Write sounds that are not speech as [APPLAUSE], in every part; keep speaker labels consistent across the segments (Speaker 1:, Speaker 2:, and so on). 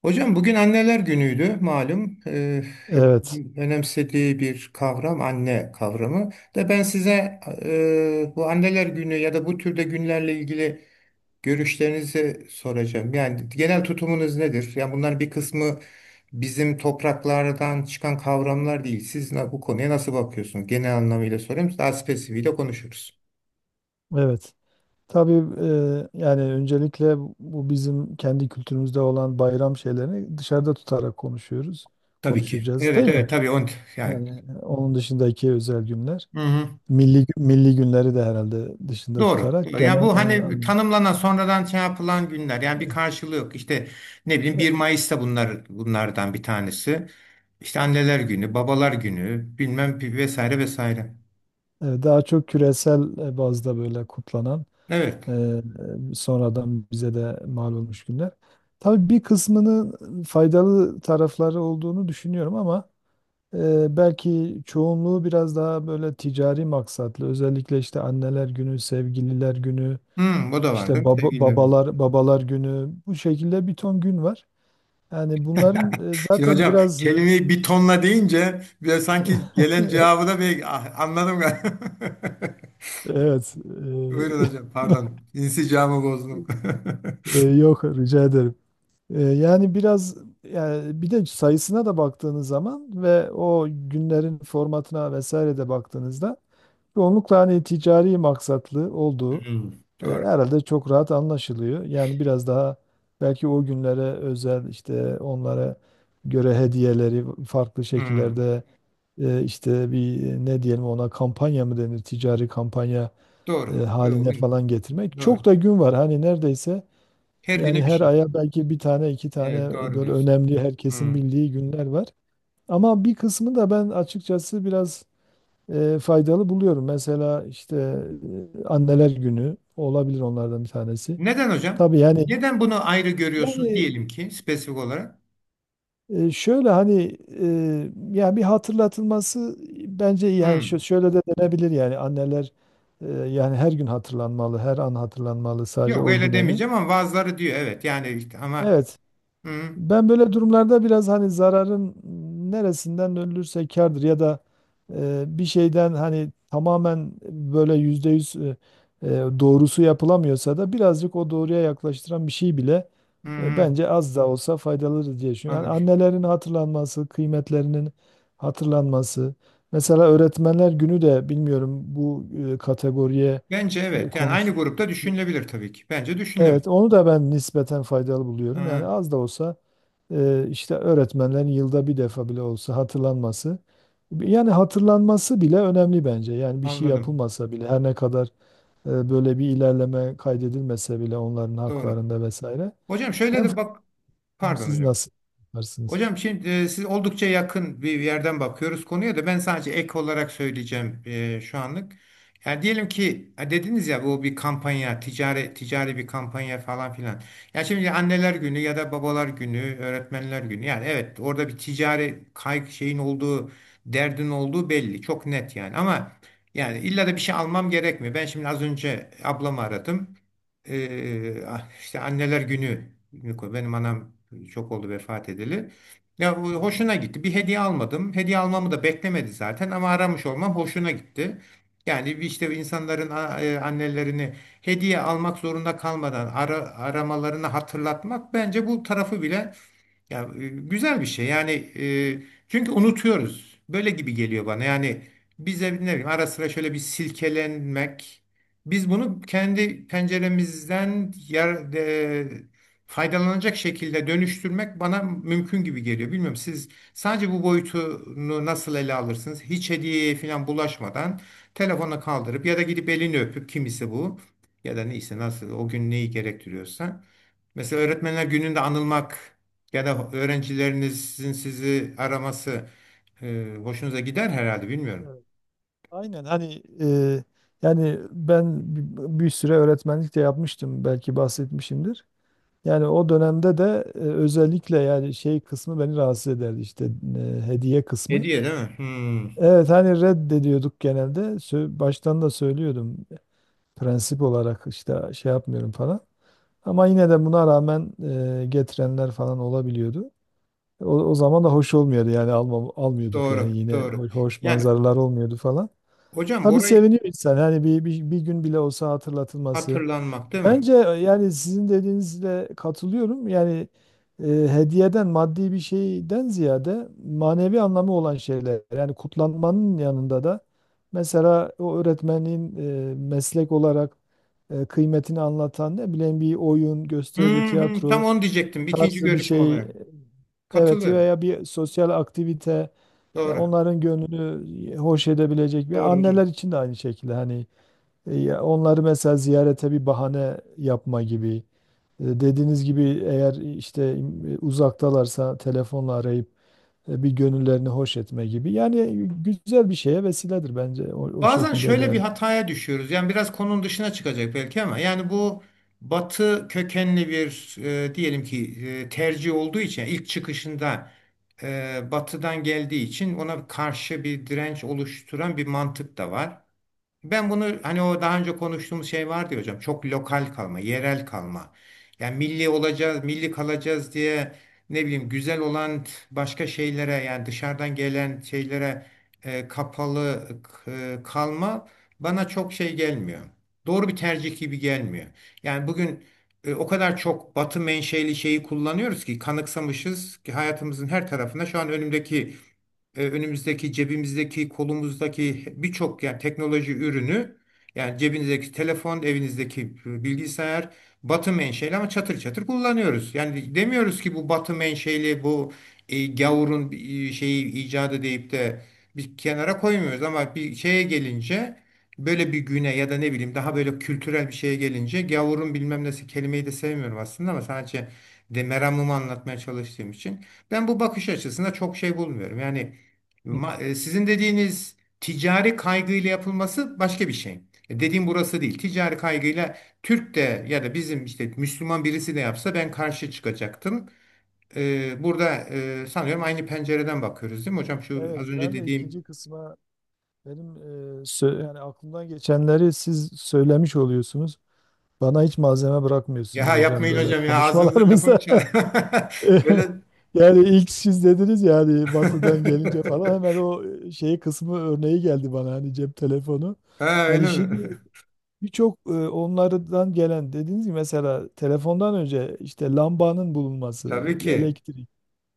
Speaker 1: Hocam bugün anneler günüydü malum. Hep
Speaker 2: Evet,
Speaker 1: önemsediği bir kavram anne kavramı. Da ben size bu anneler günü ya da bu türde günlerle ilgili görüşlerinizi soracağım. Yani genel tutumunuz nedir? Yani bunların bir kısmı bizim topraklardan çıkan kavramlar değil. Siz bu konuya nasıl bakıyorsunuz? Genel anlamıyla sorayım. Daha spesifiğiyle konuşuruz.
Speaker 2: evet. Tabii yani öncelikle bu bizim kendi kültürümüzde olan bayram şeylerini dışarıda tutarak konuşuyoruz.
Speaker 1: Tabii ki.
Speaker 2: Konuşacağız
Speaker 1: Evet,
Speaker 2: değil mi?
Speaker 1: evet, tabii on yani.
Speaker 2: Yani onun dışındaki özel günler. Milli günleri de herhalde dışında
Speaker 1: Doğru,
Speaker 2: tutarak
Speaker 1: doğru. Yani
Speaker 2: genel
Speaker 1: bu hani tanımlanan sonradan şey yapılan günler. Yani bir karşılığı yok. İşte ne bileyim bir Mayıs'ta bunlar bunlardan bir tanesi. İşte anneler günü, babalar günü, bilmem vesaire vesaire.
Speaker 2: daha çok küresel bazda böyle kutlanan e,
Speaker 1: Evet.
Speaker 2: sonradan bize de mal olmuş günler. Tabii bir kısmının faydalı tarafları olduğunu düşünüyorum ama belki çoğunluğu biraz daha böyle ticari maksatlı. Özellikle işte anneler günü, sevgililer günü,
Speaker 1: Hmm, bu da var
Speaker 2: işte
Speaker 1: değil mi,
Speaker 2: baba,
Speaker 1: sevgililer günü?
Speaker 2: babalar babalar günü, bu şekilde bir ton gün var. Yani bunların
Speaker 1: Şimdi
Speaker 2: zaten
Speaker 1: hocam,
Speaker 2: biraz
Speaker 1: kelimeyi bir tonla deyince bir sanki gelen cevabı
Speaker 2: [LAUGHS]
Speaker 1: da bir ah, anladım galiba. [LAUGHS]
Speaker 2: evet
Speaker 1: Buyurun hocam, pardon. İnsicamı bozdum. [LAUGHS]
Speaker 2: [LAUGHS] yok, rica ederim. Yani biraz, yani bir de sayısına da baktığınız zaman ve o günlerin formatına vesaire de baktığınızda çoğunlukla hani ticari maksatlı olduğu
Speaker 1: Hmm, doğru.
Speaker 2: Herhalde çok rahat anlaşılıyor. Yani biraz daha belki o günlere özel, işte onlara göre hediyeleri farklı
Speaker 1: Hmm,
Speaker 2: şekillerde işte bir, ne diyelim ona, kampanya mı denir, ticari kampanya
Speaker 1: doğru. Doğru.
Speaker 2: haline falan getirmek. Çok
Speaker 1: Doğru.
Speaker 2: da gün var hani, neredeyse
Speaker 1: Her
Speaker 2: yani
Speaker 1: güne bir
Speaker 2: her
Speaker 1: şey.
Speaker 2: aya belki bir tane iki
Speaker 1: Evet,
Speaker 2: tane
Speaker 1: doğru
Speaker 2: böyle
Speaker 1: diyorsun.
Speaker 2: önemli, herkesin
Speaker 1: Hmm.
Speaker 2: bildiği günler var. Ama bir kısmı da, ben açıkçası biraz faydalı buluyorum. Mesela işte anneler günü olabilir onlardan bir tanesi.
Speaker 1: Neden hocam?
Speaker 2: Tabii yani
Speaker 1: Neden bunu ayrı görüyorsunuz diyelim
Speaker 2: yani
Speaker 1: ki, spesifik olarak?
Speaker 2: şöyle hani yani bir hatırlatılması bence iyi. Yani şö-
Speaker 1: Hmm.
Speaker 2: şöyle de denebilir, yani anneler yani her gün hatırlanmalı, her an hatırlanmalı, sadece
Speaker 1: Yok,
Speaker 2: o
Speaker 1: öyle
Speaker 2: günemi.
Speaker 1: demeyeceğim ama bazıları diyor evet yani işte ama
Speaker 2: Evet.
Speaker 1: hmm,
Speaker 2: Ben böyle durumlarda biraz hani zararın neresinden ölürse kârdır ya da bir şeyden hani tamamen böyle %100 e, doğrusu yapılamıyorsa da birazcık o doğruya yaklaştıran bir şey bile
Speaker 1: hmm, hmm,
Speaker 2: bence az da olsa faydalıdır diye düşünüyorum. Yani
Speaker 1: anladım.
Speaker 2: annelerin hatırlanması, kıymetlerinin hatırlanması. Mesela öğretmenler günü de, bilmiyorum bu kategoriye
Speaker 1: Bence
Speaker 2: e,
Speaker 1: evet yani
Speaker 2: konuş,
Speaker 1: aynı grupta düşünülebilir tabii ki. Bence düşünülebilir.
Speaker 2: evet, onu da ben nispeten faydalı buluyorum. Yani
Speaker 1: Ha,
Speaker 2: az da olsa işte öğretmenlerin yılda bir defa bile olsa hatırlanması. Yani hatırlanması bile önemli bence. Yani bir şey
Speaker 1: anladım.
Speaker 2: yapılmasa bile, her ne kadar böyle bir ilerleme kaydedilmese bile onların
Speaker 1: Doğru.
Speaker 2: haklarında vesaire.
Speaker 1: Hocam şöyle
Speaker 2: Ben
Speaker 1: de bak,
Speaker 2: bilmiyorum,
Speaker 1: pardon
Speaker 2: siz
Speaker 1: hocam.
Speaker 2: nasıl yaparsınız?
Speaker 1: Hocam şimdi siz, oldukça yakın bir yerden bakıyoruz konuya, da ben sadece ek olarak söyleyeceğim şu anlık. Yani diyelim ki ha, dediniz ya, bu bir kampanya, ticari ticari bir kampanya falan filan. Ya şimdi anneler günü ya da babalar günü, öğretmenler günü. Yani evet, orada bir ticari kaygı şeyin olduğu, derdin olduğu belli. Çok net yani ama yani illa da bir şey almam gerekmiyor. Ben şimdi az önce ablamı aradım. Ah, işte anneler günü, benim anam çok oldu vefat edeli. Ya o
Speaker 2: Anladım.
Speaker 1: hoşuna gitti. Bir hediye almadım. Hediye almamı da beklemedi zaten ama aramış olmam hoşuna gitti. Yani işte insanların annelerini hediye almak zorunda kalmadan aramalarını hatırlatmak bence, bu tarafı bile ya güzel bir şey. Yani çünkü unutuyoruz. Böyle gibi geliyor bana. Yani bize, ne bileyim, ara sıra şöyle bir silkelenmek. Biz bunu kendi penceremizden faydalanacak şekilde dönüştürmek bana mümkün gibi geliyor. Bilmiyorum, siz sadece bu boyutunu nasıl ele alırsınız? Hiç hediyeye falan bulaşmadan, telefona kaldırıp ya da gidip elini öpüp, kimisi bu ya da neyse nasıl o gün neyi gerektiriyorsa. Mesela öğretmenler gününde anılmak ya da öğrencilerinizin sizi araması hoşunuza gider herhalde, bilmiyorum.
Speaker 2: Evet. Aynen, hani yani ben bir süre öğretmenlik de yapmıştım, belki bahsetmişimdir. Yani o dönemde de özellikle yani şey kısmı beni rahatsız ederdi, işte hediye kısmı.
Speaker 1: Hediye değil mi? Hmm,
Speaker 2: Evet, hani reddediyorduk genelde. Baştan da söylüyordum, prensip olarak işte şey yapmıyorum falan. Ama yine de buna rağmen getirenler falan olabiliyordu. O zaman da hoş olmuyordu, yani almıyorduk, yani
Speaker 1: doğru,
Speaker 2: yine
Speaker 1: doğru.
Speaker 2: hoş
Speaker 1: Yani
Speaker 2: manzaralar olmuyordu falan.
Speaker 1: hocam,
Speaker 2: Tabii
Speaker 1: orayı
Speaker 2: seviniyor insan hani, bir gün bile olsa hatırlatılması.
Speaker 1: hatırlanmak değil mi?
Speaker 2: Bence yani sizin dediğinizle katılıyorum. Yani hediyeden, maddi bir şeyden ziyade manevi anlamı olan şeyler. Yani kutlanmanın yanında da mesela o öğretmenin meslek olarak kıymetini anlatan, ne bileyim bir oyun,
Speaker 1: Hı
Speaker 2: gösteri,
Speaker 1: hı, tam
Speaker 2: tiyatro
Speaker 1: onu diyecektim ikinci
Speaker 2: tarzı bir
Speaker 1: görüşüm
Speaker 2: şey.
Speaker 1: olarak.
Speaker 2: Evet,
Speaker 1: Katılıyorum.
Speaker 2: veya bir sosyal aktivite,
Speaker 1: Doğru,
Speaker 2: onların gönlünü hoş edebilecek. Bir
Speaker 1: doğru.
Speaker 2: anneler için de aynı şekilde hani ya onları mesela ziyarete bir bahane yapma gibi. Dediğiniz gibi, eğer işte uzaktalarsa telefonla arayıp bir gönüllerini hoş etme gibi. Yani güzel bir şeye vesiledir bence, o, o
Speaker 1: Bazen
Speaker 2: şekilde
Speaker 1: şöyle bir
Speaker 2: değerli.
Speaker 1: hataya düşüyoruz. Yani biraz konunun dışına çıkacak belki ama yani bu, Batı kökenli bir diyelim ki tercih olduğu için ilk çıkışında Batı'dan geldiği için ona karşı bir direnç oluşturan bir mantık da var. Ben bunu, hani o daha önce konuştuğumuz şey vardı ya hocam, çok lokal kalma, yerel kalma. Yani milli olacağız, milli kalacağız diye ne bileyim güzel olan başka şeylere, yani dışarıdan gelen şeylere kapalı kalma bana çok şey gelmiyor. Doğru bir tercih gibi gelmiyor. Yani bugün o kadar çok Batı menşeli şeyi kullanıyoruz ki, kanıksamışız ki hayatımızın her tarafında, şu an önümüzdeki, cebimizdeki, kolumuzdaki birçok yani teknoloji ürünü, yani cebinizdeki telefon, evinizdeki bilgisayar batı menşeli ama çatır çatır kullanıyoruz. Yani demiyoruz ki bu batı menşeli, bu gavurun şeyi icadı deyip de bir kenara koymuyoruz ama bir şeye gelince, böyle bir güne ya da ne bileyim daha böyle kültürel bir şeye gelince, gavurun bilmem nesi, kelimeyi de sevmiyorum aslında ama sadece de meramımı anlatmaya çalıştığım için, ben bu bakış açısında çok şey bulmuyorum. Yani
Speaker 2: Evet,
Speaker 1: sizin dediğiniz, ticari kaygıyla yapılması, başka bir şey. Dediğim burası değil. Ticari kaygıyla Türk de ya da bizim işte Müslüman birisi de yapsa ben karşı çıkacaktım. Burada sanıyorum aynı pencereden bakıyoruz değil mi hocam? Şu az
Speaker 2: evet,
Speaker 1: önce
Speaker 2: ben de
Speaker 1: dediğim,
Speaker 2: ikinci kısma, benim yani aklımdan geçenleri siz söylemiş oluyorsunuz. Bana hiç malzeme bırakmıyorsunuz
Speaker 1: ya
Speaker 2: hocam,
Speaker 1: yapmayın
Speaker 2: böyle
Speaker 1: hocam, ya ağzınıza lafımı
Speaker 2: konuşmalarımızda.
Speaker 1: çal. [LAUGHS] Öyle.
Speaker 2: [LAUGHS] [LAUGHS] Yani ilk siz dediniz ya, hani batıdan gelince falan hemen
Speaker 1: [LAUGHS]
Speaker 2: o şeyi kısmı örneği geldi bana, hani cep telefonu.
Speaker 1: Ha,
Speaker 2: Yani
Speaker 1: öyle mi?
Speaker 2: şimdi
Speaker 1: [LAUGHS]
Speaker 2: birçok onlardan gelen, dediğiniz gibi mesela telefondan önce işte lambanın bulunması,
Speaker 1: Tabii ki.
Speaker 2: elektrik.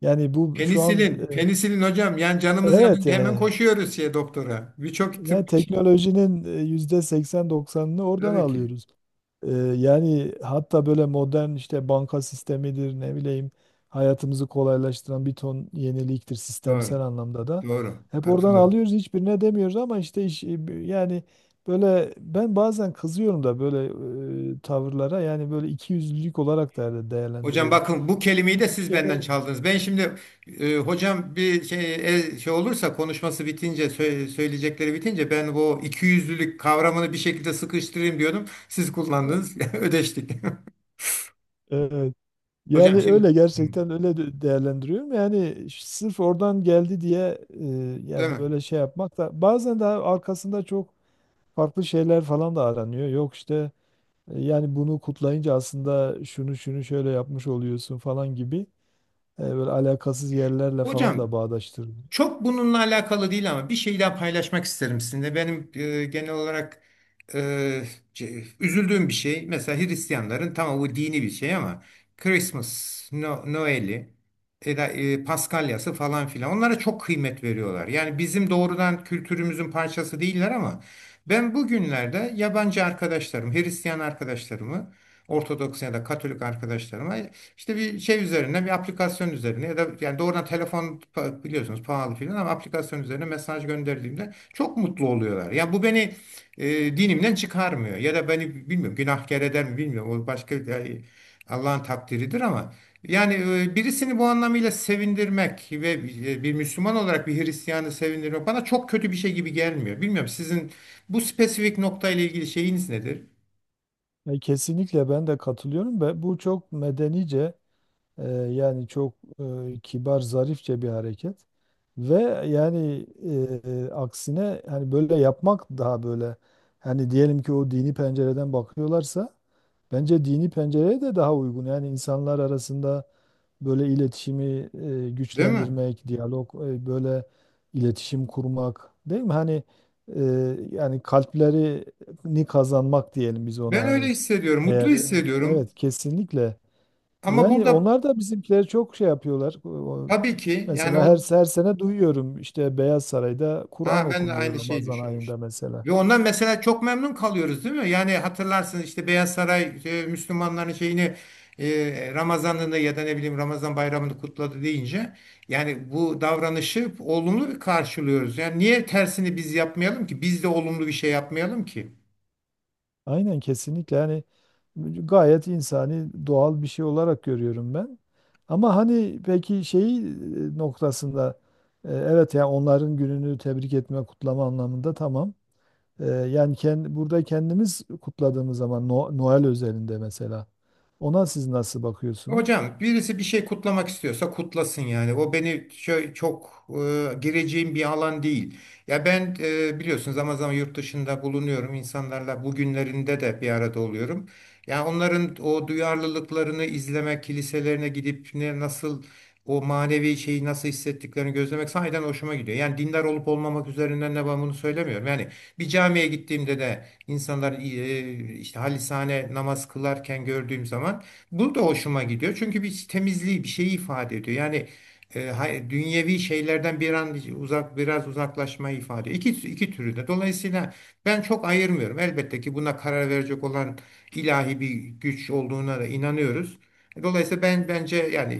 Speaker 2: Yani bu şu an
Speaker 1: Penisilin, penisilin hocam. Yani canımız
Speaker 2: evet
Speaker 1: yanınca hemen
Speaker 2: yani.
Speaker 1: koşuyoruz şey, doktora. Birçok
Speaker 2: Yani
Speaker 1: tıbbi şey.
Speaker 2: teknolojinin yüzde 80-90'ını oradan
Speaker 1: Tabii ki.
Speaker 2: alıyoruz. Yani hatta böyle modern, işte banka sistemidir, ne bileyim hayatımızı kolaylaştıran bir ton yeniliktir,
Speaker 1: Doğru.
Speaker 2: sistemsel anlamda da.
Speaker 1: Doğru.
Speaker 2: Hep oradan
Speaker 1: Katılıyorum.
Speaker 2: alıyoruz, hiçbirine demiyoruz, ama işte yani böyle ben bazen kızıyorum da böyle tavırlara. Yani böyle ikiyüzlülük olarak da
Speaker 1: Hocam
Speaker 2: değerlendiriyorum.
Speaker 1: bakın, bu kelimeyi de
Speaker 2: Hiçbir
Speaker 1: siz benden
Speaker 2: şeyine
Speaker 1: çaldınız. Ben şimdi hocam bir şey, şey olursa konuşması bitince, söyleyecekleri bitince ben bu ikiyüzlülük kavramını bir şekilde sıkıştırayım diyordum. Siz kullandınız. [LAUGHS] Ödeştik.
Speaker 2: evet,
Speaker 1: [LAUGHS]
Speaker 2: yani
Speaker 1: Hocam şimdi,
Speaker 2: öyle
Speaker 1: hı,
Speaker 2: gerçekten öyle değerlendiriyorum. Yani sırf oradan geldi diye
Speaker 1: değil
Speaker 2: ya
Speaker 1: mi?
Speaker 2: böyle şey yapmak da. Bazen de arkasında çok farklı şeyler falan da aranıyor. Yok işte yani bunu kutlayınca aslında şunu şunu şöyle yapmış oluyorsun falan gibi böyle alakasız yerlerle falan da
Speaker 1: Hocam,
Speaker 2: bağdaştırılıyor.
Speaker 1: çok bununla alakalı değil ama bir şey daha paylaşmak isterim sizinle. Benim genel olarak e, üzüldüğüm bir şey. Mesela Hristiyanların, tamam bu dini bir şey ama Christmas, no, Noel'i, Paskalya'sı falan filan, onlara çok kıymet veriyorlar. Yani bizim doğrudan kültürümüzün parçası değiller ama ben bugünlerde yabancı arkadaşlarım, Hristiyan arkadaşlarımı, Ortodoks ya da Katolik arkadaşlarıma işte bir şey üzerine, bir aplikasyon üzerine ya da yani doğrudan telefon, biliyorsunuz pahalı filan, ama aplikasyon üzerine mesaj gönderdiğimde çok mutlu oluyorlar. Ya bu beni dinimden çıkarmıyor ya da beni, bilmiyorum, günahkar eder mi bilmiyorum. O başka yani, Allah'ın takdiridir ama yani birisini bu anlamıyla sevindirmek ve bir Müslüman olarak bir Hristiyanı sevindirmek, bana çok kötü bir şey gibi gelmiyor. Bilmiyorum sizin bu spesifik noktayla ilgili şeyiniz nedir?
Speaker 2: Kesinlikle ben de katılıyorum ve bu çok medenice, yani çok kibar, zarifçe bir hareket. Ve yani aksine hani böyle yapmak daha böyle, hani diyelim ki o dini pencereden bakıyorlarsa, bence dini pencereye de daha uygun. Yani insanlar arasında böyle iletişimi
Speaker 1: Değil mi?
Speaker 2: güçlendirmek, diyalog, böyle iletişim kurmak, değil mi? Hani e, yani kalplerini kazanmak diyelim biz ona,
Speaker 1: Ben öyle
Speaker 2: hani
Speaker 1: hissediyorum, mutlu
Speaker 2: eğer,
Speaker 1: hissediyorum.
Speaker 2: evet kesinlikle.
Speaker 1: Ama
Speaker 2: Yani
Speaker 1: burada,
Speaker 2: onlar da bizimkileri çok şey yapıyorlar.
Speaker 1: tabii ki yani
Speaker 2: Mesela her,
Speaker 1: o,
Speaker 2: her sene duyuyorum işte Beyaz Saray'da Kur'an
Speaker 1: ha, ben de
Speaker 2: okunuyor
Speaker 1: aynı şeyi
Speaker 2: Ramazan ayında
Speaker 1: düşünmüştüm.
Speaker 2: mesela.
Speaker 1: Ve ondan mesela çok memnun kalıyoruz değil mi? Yani hatırlarsınız, işte Beyaz Saray Müslümanların şeyini, Ramazan'ını ya da ne bileyim Ramazan bayramını kutladı deyince, yani bu davranışı olumlu bir karşılıyoruz. Yani niye tersini biz yapmayalım ki? Biz de olumlu bir şey yapmayalım ki?
Speaker 2: Aynen kesinlikle, yani gayet insani, doğal bir şey olarak görüyorum ben. Ama hani, peki şeyi noktasında, evet yani onların gününü tebrik etme, kutlama anlamında tamam. Yani kendi, burada kendimiz kutladığımız zaman, Noel özelinde mesela, ona siz nasıl bakıyorsunuz?
Speaker 1: Hocam birisi bir şey kutlamak istiyorsa kutlasın yani. O beni çok, gireceğim bir alan değil. Ya ben biliyorsunuz zaman zaman yurt dışında bulunuyorum. İnsanlarla bugünlerinde de bir arada oluyorum. Ya onların o duyarlılıklarını izlemek, kiliselerine gidip ne nasıl o manevi şeyi nasıl hissettiklerini gözlemek sahiden hoşuma gidiyor. Yani dindar olup olmamak üzerinden ne, ben bunu söylemiyorum. Yani bir camiye gittiğimde de insanlar işte halisane namaz kılarken gördüğüm zaman, bu da hoşuma gidiyor. Çünkü bir temizliği, bir şeyi ifade ediyor. Yani dünyevi şeylerden bir an uzak, biraz uzaklaşmayı ifade ediyor. İki türü de. Dolayısıyla ben çok ayırmıyorum. Elbette ki buna karar verecek olan ilahi bir güç olduğuna da inanıyoruz. Dolayısıyla ben, bence yani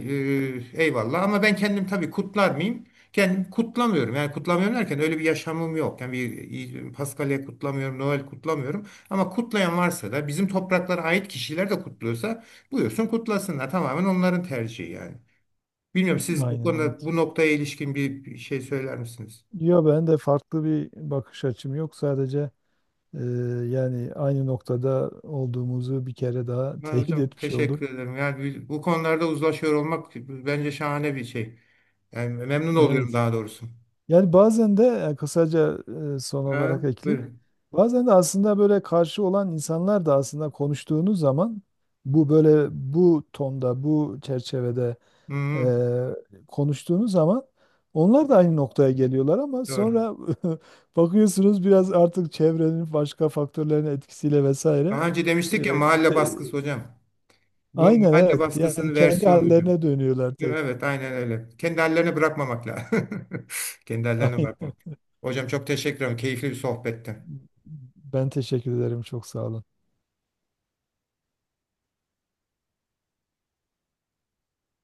Speaker 1: eyvallah ama ben kendim tabii, kutlar mıyım? Kendim kutlamıyorum. Yani kutlamıyorum derken, öyle bir yaşamım yok. Yani bir Paskalya kutlamıyorum, Noel kutlamıyorum. Ama kutlayan varsa da, bizim topraklara ait kişiler de kutluyorsa, buyursun kutlasınlar. Tamamen onların tercihi yani. Bilmiyorum, siz bu
Speaker 2: Aynen
Speaker 1: konuda,
Speaker 2: evet.
Speaker 1: bu noktaya ilişkin bir şey söyler misiniz?
Speaker 2: Yok, ben de farklı bir bakış açım yok sadece. Ee, Yani aynı noktada olduğumuzu bir kere daha [LAUGHS]
Speaker 1: Ben
Speaker 2: teyit
Speaker 1: hocam
Speaker 2: etmiş oldum.
Speaker 1: teşekkür ederim. Yani bu konularda uzlaşıyor olmak bence şahane bir şey. Yani memnun oluyorum
Speaker 2: Evet.
Speaker 1: daha doğrusu.
Speaker 2: Yani bazen de kısaca son olarak
Speaker 1: Ha,
Speaker 2: ekli.
Speaker 1: buyurun.
Speaker 2: Bazen de aslında böyle karşı olan insanlar da, aslında konuştuğunuz zaman, bu böyle bu tonda, bu çerçevede
Speaker 1: Hı,
Speaker 2: konuştuğunuz zaman, onlar da aynı noktaya geliyorlar ama
Speaker 1: doğru.
Speaker 2: sonra [LAUGHS] bakıyorsunuz, biraz artık çevrenin, başka faktörlerin etkisiyle vesaire
Speaker 1: Daha önce demiştik ya, mahalle
Speaker 2: işte,
Speaker 1: baskısı hocam. Bu
Speaker 2: aynen
Speaker 1: mahalle
Speaker 2: evet. Yani
Speaker 1: baskısının
Speaker 2: kendi
Speaker 1: versiyonu hocam.
Speaker 2: hallerine dönüyorlar.
Speaker 1: Değil mi? Evet, aynen öyle. Kendi hallerine bırakmamak lazım. [LAUGHS] Kendi
Speaker 2: [LAUGHS]
Speaker 1: hallerine
Speaker 2: Aynen.
Speaker 1: bırakmamak. Hocam çok teşekkür ederim. Keyifli bir sohbetti.
Speaker 2: Ben teşekkür ederim. Çok sağ olun.